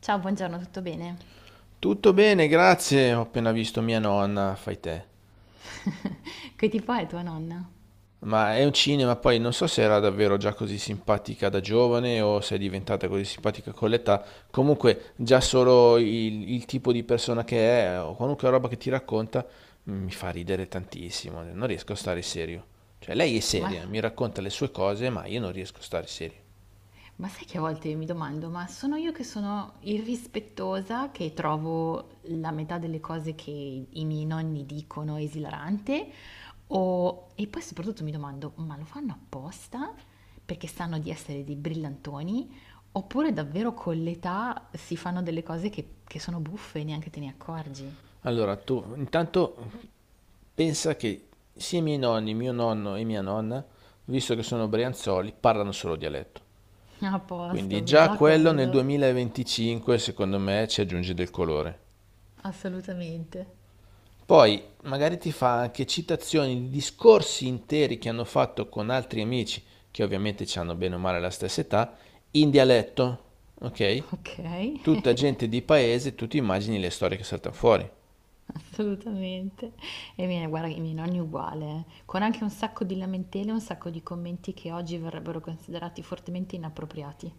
Ciao, buongiorno, tutto bene? Tutto bene, grazie. Ho appena visto mia nonna, fai te. Che tipo è tua nonna? Ma è un cinema, poi non so se era davvero già così simpatica da giovane o se è diventata così simpatica con l'età. Comunque, già solo il tipo di persona che è o qualunque roba che ti racconta, mi fa ridere tantissimo. Non riesco a stare serio. Cioè, lei è Ma, seria, mi racconta le sue cose, ma io non riesco a stare serio. ma sai che a volte io mi domando, ma sono io che sono irrispettosa, che trovo la metà delle cose che i miei nonni dicono esilarante? O, e poi soprattutto mi domando, ma lo fanno apposta? Perché sanno di essere dei brillantoni? Oppure davvero con l'età si fanno delle cose che sono buffe e neanche te ne accorgi? Allora, tu intanto pensa che sia i miei nonni, mio nonno e mia nonna, visto che sono brianzoli, parlano solo dialetto. A Quindi posto, già già quello nel quello, 2025 secondo me ci aggiunge del colore. assolutamente. Poi magari ti fa anche citazioni di discorsi interi che hanno fatto con altri amici, che ovviamente ci hanno bene o male la stessa età, in dialetto, ok? Ok. Tutta gente di paese, tu ti immagini le storie che saltano fuori. Assolutamente. E i miei guarda, i miei nonni uguale, con anche un sacco di lamentele, un sacco di commenti che oggi verrebbero considerati fortemente inappropriati.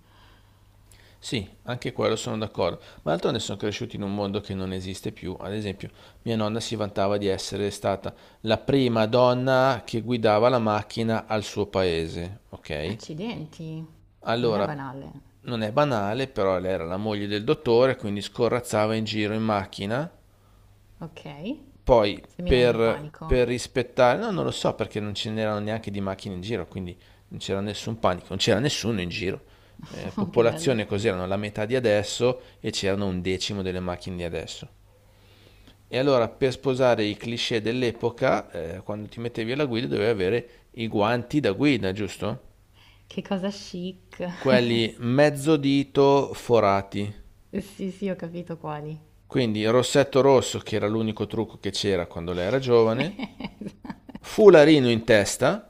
Sì, anche quello sono d'accordo, ma d'altronde sono cresciuti in un mondo che non esiste più. Ad esempio, mia nonna si vantava di essere stata la prima donna che guidava la macchina al suo paese, ok? Accidenti, non è Allora, banale. non è banale, però lei era la moglie del dottore, quindi scorrazzava in giro in macchina Ok, poi seminando il panico. per rispettare, no, non lo so perché non ce n'erano neanche di macchine in giro, quindi non c'era nessun panico, non c'era nessuno in giro. Che bello. Popolazione cos'erano la metà di adesso e c'erano un decimo delle macchine di adesso. E allora per sposare i cliché dell'epoca, quando ti mettevi alla guida dovevi avere i guanti da guida, giusto? Che cosa chic. Quelli mezzo dito forati. Sì, sì, ho capito quali. Quindi il rossetto rosso, che era l'unico trucco che c'era quando lei era giovane, fularino in testa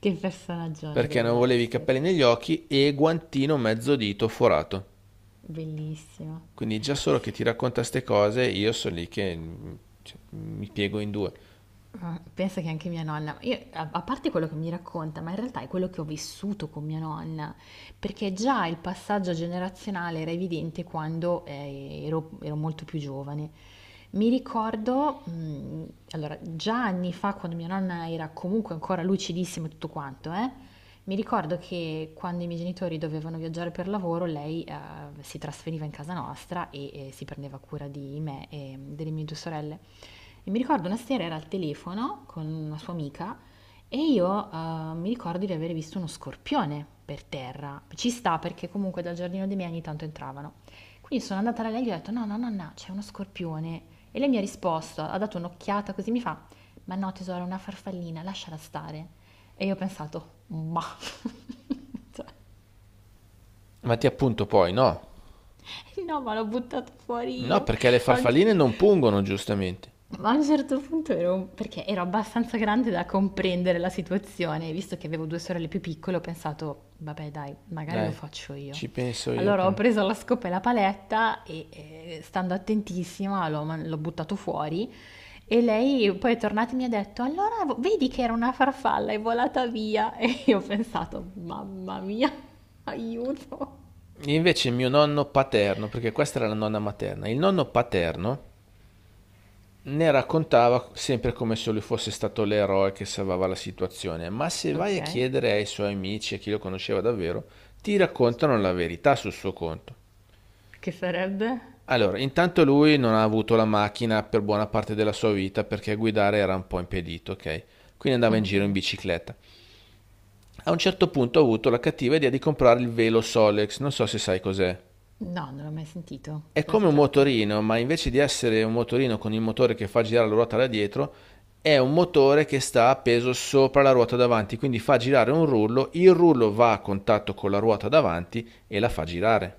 Che personaggione perché non doveva volevi i essere. capelli negli occhi e guantino mezzo dito forato. Bellissimo. Quindi già solo che Sì. ti racconta ste cose, io sono lì che cioè, mi piego in due. Ah, pensa che anche mia nonna, io, a parte quello che mi racconta, ma in realtà è quello che ho vissuto con mia nonna, perché già il passaggio generazionale era evidente quando ero molto più giovane. Mi ricordo, allora, già anni fa, quando mia nonna era comunque ancora lucidissima e tutto quanto, mi ricordo che quando i miei genitori dovevano viaggiare per lavoro, lei si trasferiva in casa nostra e si prendeva cura di me e delle mie due sorelle. E mi ricordo una sera era al telefono con una sua amica e io mi ricordo di aver visto uno scorpione per terra. Ci sta perché comunque dal giardino dei miei ogni tanto entravano. Quindi sono andata da lei e gli ho detto: "No, no, nonna, c'è uno scorpione". E lei mi ha risposto, ha dato un'occhiata così, mi fa: "Ma no tesoro, è una farfallina, lasciala stare". E io ho pensato: "Mah". Cioè, Ma ti appunto poi, no. no, ma l'ho buttato fuori No, io. perché le A un ce farfalline non pungono, giustamente. Ma a un certo punto ero, perché ero abbastanza grande da comprendere la situazione, e visto che avevo due sorelle più piccole, ho pensato, vabbè dai, magari lo Dai, faccio io. ci penso io Allora ho prima. Preso la scopa e la paletta e stando attentissima l'ho buttato fuori e lei poi è tornata e mi ha detto, allora vedi che era una farfalla, è volata via. E io ho pensato, mamma mia, aiuto. Invece mio nonno paterno, perché questa era la nonna materna, il nonno paterno ne raccontava sempre come se lui fosse stato l'eroe che salvava la situazione, ma se vai Ok, a chiedere ai suoi amici, a chi lo conosceva davvero, ti raccontano la verità sul suo conto. che sarebbe? Allora, intanto lui non ha avuto la macchina per buona parte della sua vita perché guidare era un po' impedito, ok? Quindi andava in Ok. giro in bicicletta. A un certo punto ha avuto la cattiva idea di comprare il velo Solex, non so se sai cos'è. No, non l'ho mai sentito, di È cosa come si un tratta? motorino, ma invece di essere un motorino con il motore che fa girare la ruota da dietro, è un motore che sta appeso sopra la ruota davanti, quindi fa girare un rullo, il rullo va a contatto con la ruota davanti e la fa girare.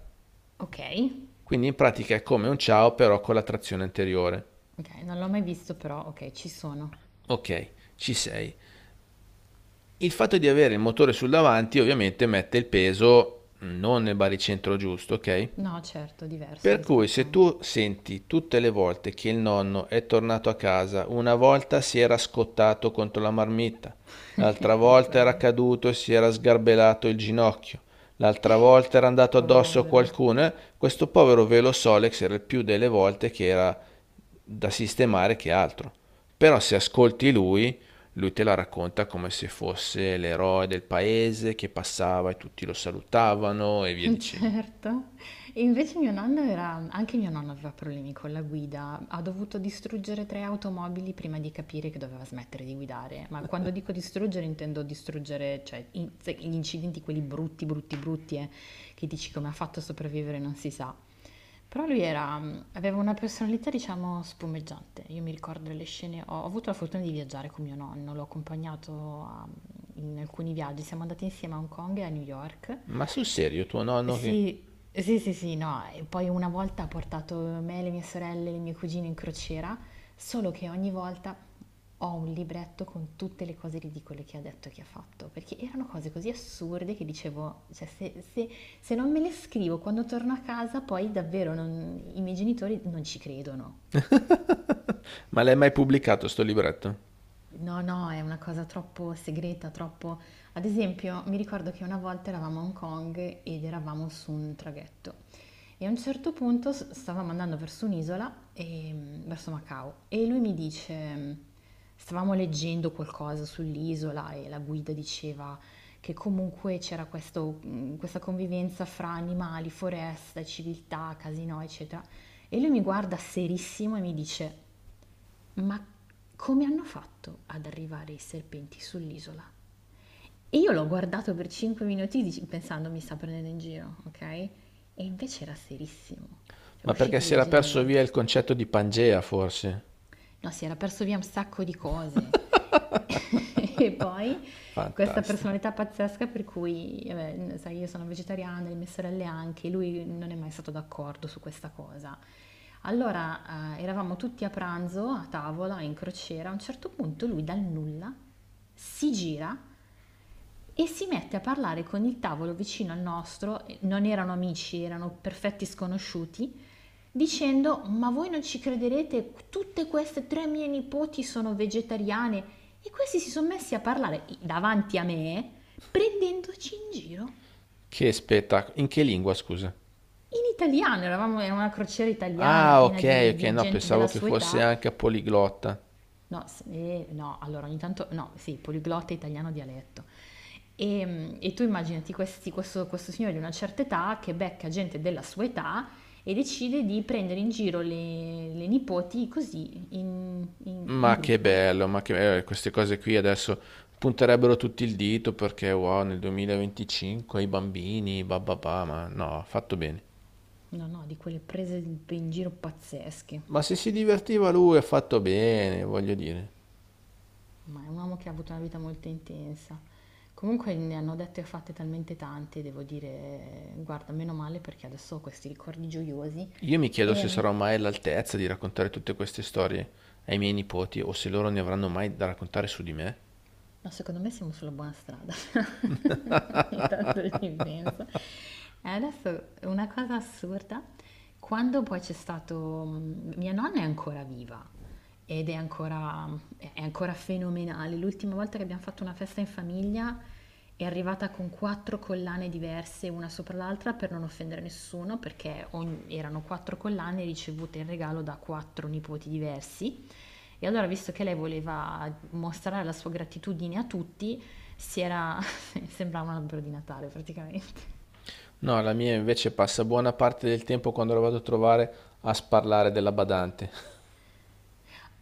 Okay, Quindi in pratica è come un ciao però con la trazione anteriore. okay, non l'ho mai visto però okay, ci sono. Ok, ci sei. Il fatto di avere il motore sul davanti ovviamente mette il peso non nel baricentro giusto, ok? No certo, diverso Per cui rispetto a se tu senti tutte le volte che il nonno è tornato a casa, una volta si era scottato contro la marmitta, l'altra eh volta era beh, caduto e si era sgarbellato il ginocchio, l'altra volta era andato addosso a povero. qualcuno, questo povero velo Solex era il più delle volte che era da sistemare che altro. Però se ascolti lui, lui te la racconta come se fosse l'eroe del paese che passava e tutti lo salutavano e via dicendo. Certo. E invece mio nonno era anche mio nonno aveva problemi con la guida, ha dovuto distruggere tre automobili prima di capire che doveva smettere di guidare, ma quando dico distruggere intendo distruggere, cioè gli incidenti quelli brutti, brutti, brutti, che dici come ha fatto a sopravvivere non si sa. Però lui aveva una personalità, diciamo, spumeggiante. Io mi ricordo le scene, ho avuto la fortuna di viaggiare con mio nonno, l'ho accompagnato a in alcuni viaggi, siamo andati insieme a Hong Kong e a New York. Ma sul serio, tuo nonno che... Sì, sì, sì, sì, no. E poi una volta ha portato me, le mie sorelle, le mie cugine in crociera, solo che ogni volta ho un libretto con tutte le cose ridicole che ha detto e che ha fatto, perché erano cose così assurde che dicevo, cioè se non me le scrivo quando torno a casa, poi davvero i miei genitori non ci credono. Ma l'hai mai pubblicato sto libretto? No, no, è una cosa troppo segreta, troppo... Ad esempio, mi ricordo che una volta eravamo a Hong Kong ed eravamo su un traghetto e a un certo punto stavamo andando verso un'isola, e, verso Macao, e lui mi dice, stavamo leggendo qualcosa sull'isola e la guida diceva che comunque c'era questa convivenza fra animali, foresta, civiltà, casino, eccetera. E lui mi guarda serissimo e mi dice... Ma come hanno fatto ad arrivare i serpenti sull'isola? E io l'ho guardato per 5 minuti pensando mi sta prendendo in giro, ok? E invece era serissimo, cioè Ma perché uscite si del era perso genere. via il concetto di Pangea, forse? No, si era perso via un sacco di cose. E poi questa Fantastico. personalità pazzesca per cui, vabbè, sai, io sono vegetariana, le mie sorelle anche, lui non è mai stato d'accordo su questa cosa. Allora, eravamo tutti a pranzo, a tavola, in crociera, a un certo punto lui dal nulla si gira e si mette a parlare con il tavolo vicino al nostro, e non erano amici, erano perfetti sconosciuti, dicendo: Ma voi non ci crederete, tutte queste tre mie nipoti sono vegetariane. E questi si sono messi a parlare davanti a me, prendendoci in giro. Che spettacolo. In che lingua, scusa? In italiano, eravamo in una crociera italiana Ah, piena ok, di, ok, di no, gente pensavo della che sua fosse età. anche poliglotta. No, s no, allora ogni tanto no, sì, poliglotta italiano dialetto. E tu immaginati questi questo signore di una certa età che becca gente della sua età e decide di prendere in giro le nipoti così in Ma che gruppo. bello, ma che bello. Queste cose qui adesso punterebbero tutti il dito perché, wow, nel 2025 i bambini, bababà, ma no, ha fatto bene. No, no, di quelle prese p in giro pazzesche, Ma se si divertiva lui, ha fatto bene, voglio dire. ma è un uomo che ha avuto una vita molto intensa. Comunque ne hanno dette e fatte talmente tante, devo dire, guarda, meno male perché adesso ho questi ricordi gioiosi. Io mi chiedo se Ehm sarò mai all'altezza di raccontare tutte queste storie ai miei nipoti o se loro ne avranno mai da raccontare su di me. No, secondo me siamo sulla buona strada. Ogni tanto ci penso. E adesso una cosa assurda, quando poi c'è stato. Mia nonna è ancora viva ed è ancora fenomenale. L'ultima volta che abbiamo fatto una festa in famiglia è arrivata con 4 collane diverse una sopra l'altra per non offendere nessuno, perché erano 4 collane ricevute in regalo da 4 nipoti diversi. E allora, visto che lei voleva mostrare la sua gratitudine a tutti, si era... sembrava un albero di Natale praticamente. No, la mia invece passa buona parte del tempo quando la vado a trovare a sparlare della badante.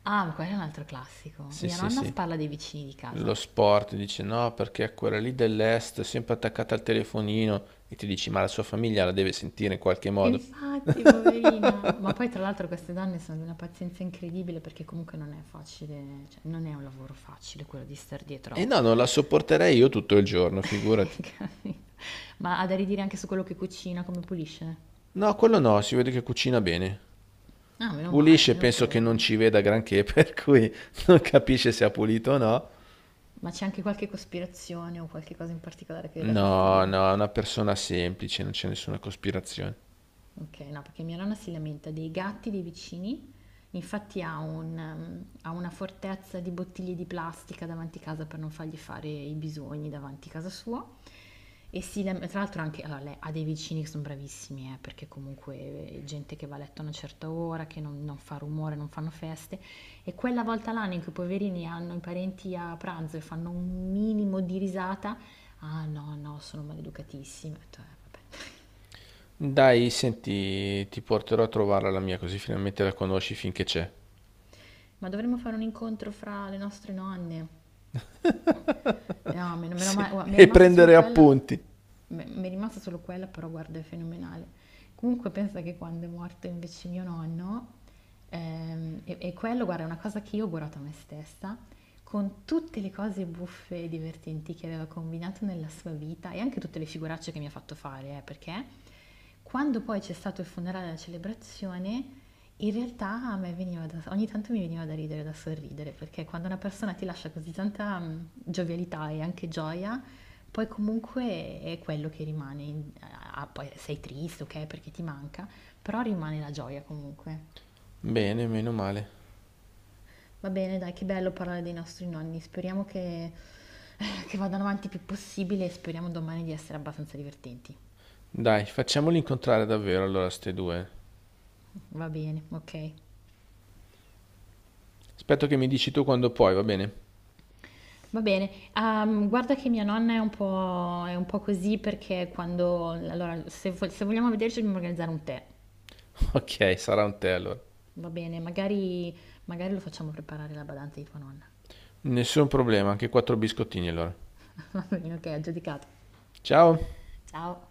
Ah, ma quello è un altro classico. Sì, Mia sì, nonna sì. spalla dei vicini di Lo casa. sport dice no, perché quella lì dell'est è sempre attaccata al telefonino e ti dici ma la sua famiglia la deve sentire in qualche modo. Infatti, poverina. Ma poi tra l'altro queste donne sono di una pazienza incredibile perché comunque non è facile, cioè non è un lavoro facile quello di star E dietro. no, non la sopporterei io tutto il giorno, figurati. Capito. Ma ha da ridire anche su quello che cucina, come pulisce? No, quello no, si vede che cucina bene. Ah, meno male, Pulisce, almeno penso che non quello. ci veda granché, per cui non capisce se ha pulito o no. Ma c'è anche qualche cospirazione o qualche cosa in particolare che le dà No, fastidio? no, è una persona semplice, non c'è nessuna cospirazione. Okay, no, perché mia nonna si lamenta dei gatti dei vicini, infatti ha una fortezza di bottiglie di plastica davanti casa per non fargli fare i bisogni davanti casa sua e si lam tra l'altro anche allora lei ha dei vicini che son bravissimi, perché comunque gente che va a letto a una certa ora, che non fa rumore, non fanno feste, e quella volta l'anno in cui i poverini hanno i parenti a pranzo e fanno un minimo di risata: "Ah no, no, sono maleducatissimi." Ho detto: "Eh vabbè." Dai, senti, ti porterò a trovarla la mia, così finalmente la conosci finché c'è. Ma dovremmo fare un incontro fra le nostre nonne. No, meno Sì, male, guarda, mi è e rimasta solo prendere quella, appunti. mi è rimasta solo quella, però guarda, è fenomenale. Comunque pensa che quando è morto invece mio nonno, e quello, guarda, è una cosa che io ho augurato a me stessa, con tutte le cose buffe e divertenti che aveva combinato nella sua vita e anche tutte le figuracce che mi ha fatto fare, perché quando poi c'è stato il funerale e la celebrazione, in realtà a me veniva da ogni tanto mi veniva da ridere, da sorridere, perché quando una persona ti lascia così tanta, giovialità e anche gioia, poi comunque è quello che rimane in a poi sei triste, okay, perché ti manca, però rimane la gioia comunque. Bene, meno male. Va bene dai, che bello parlare dei nostri nonni, speriamo che vadano avanti il più possibile e speriamo domani di essere abbastanza divertenti. Dai, facciamoli incontrare davvero allora ste due. Va bene, okay. Aspetto che mi dici tu quando puoi, va bene? Va bene, guarda che mia nonna è un po' così perché quando allora se vogliamo vederci dobbiamo organizzare un tè, Ok, sarà un tè allora. va bene? Magari lo facciamo preparare la badante di tua nonna. Nessun problema, anche quattro biscottini allora. Va bene, okay, aggiudicato. Ciao. Ciao.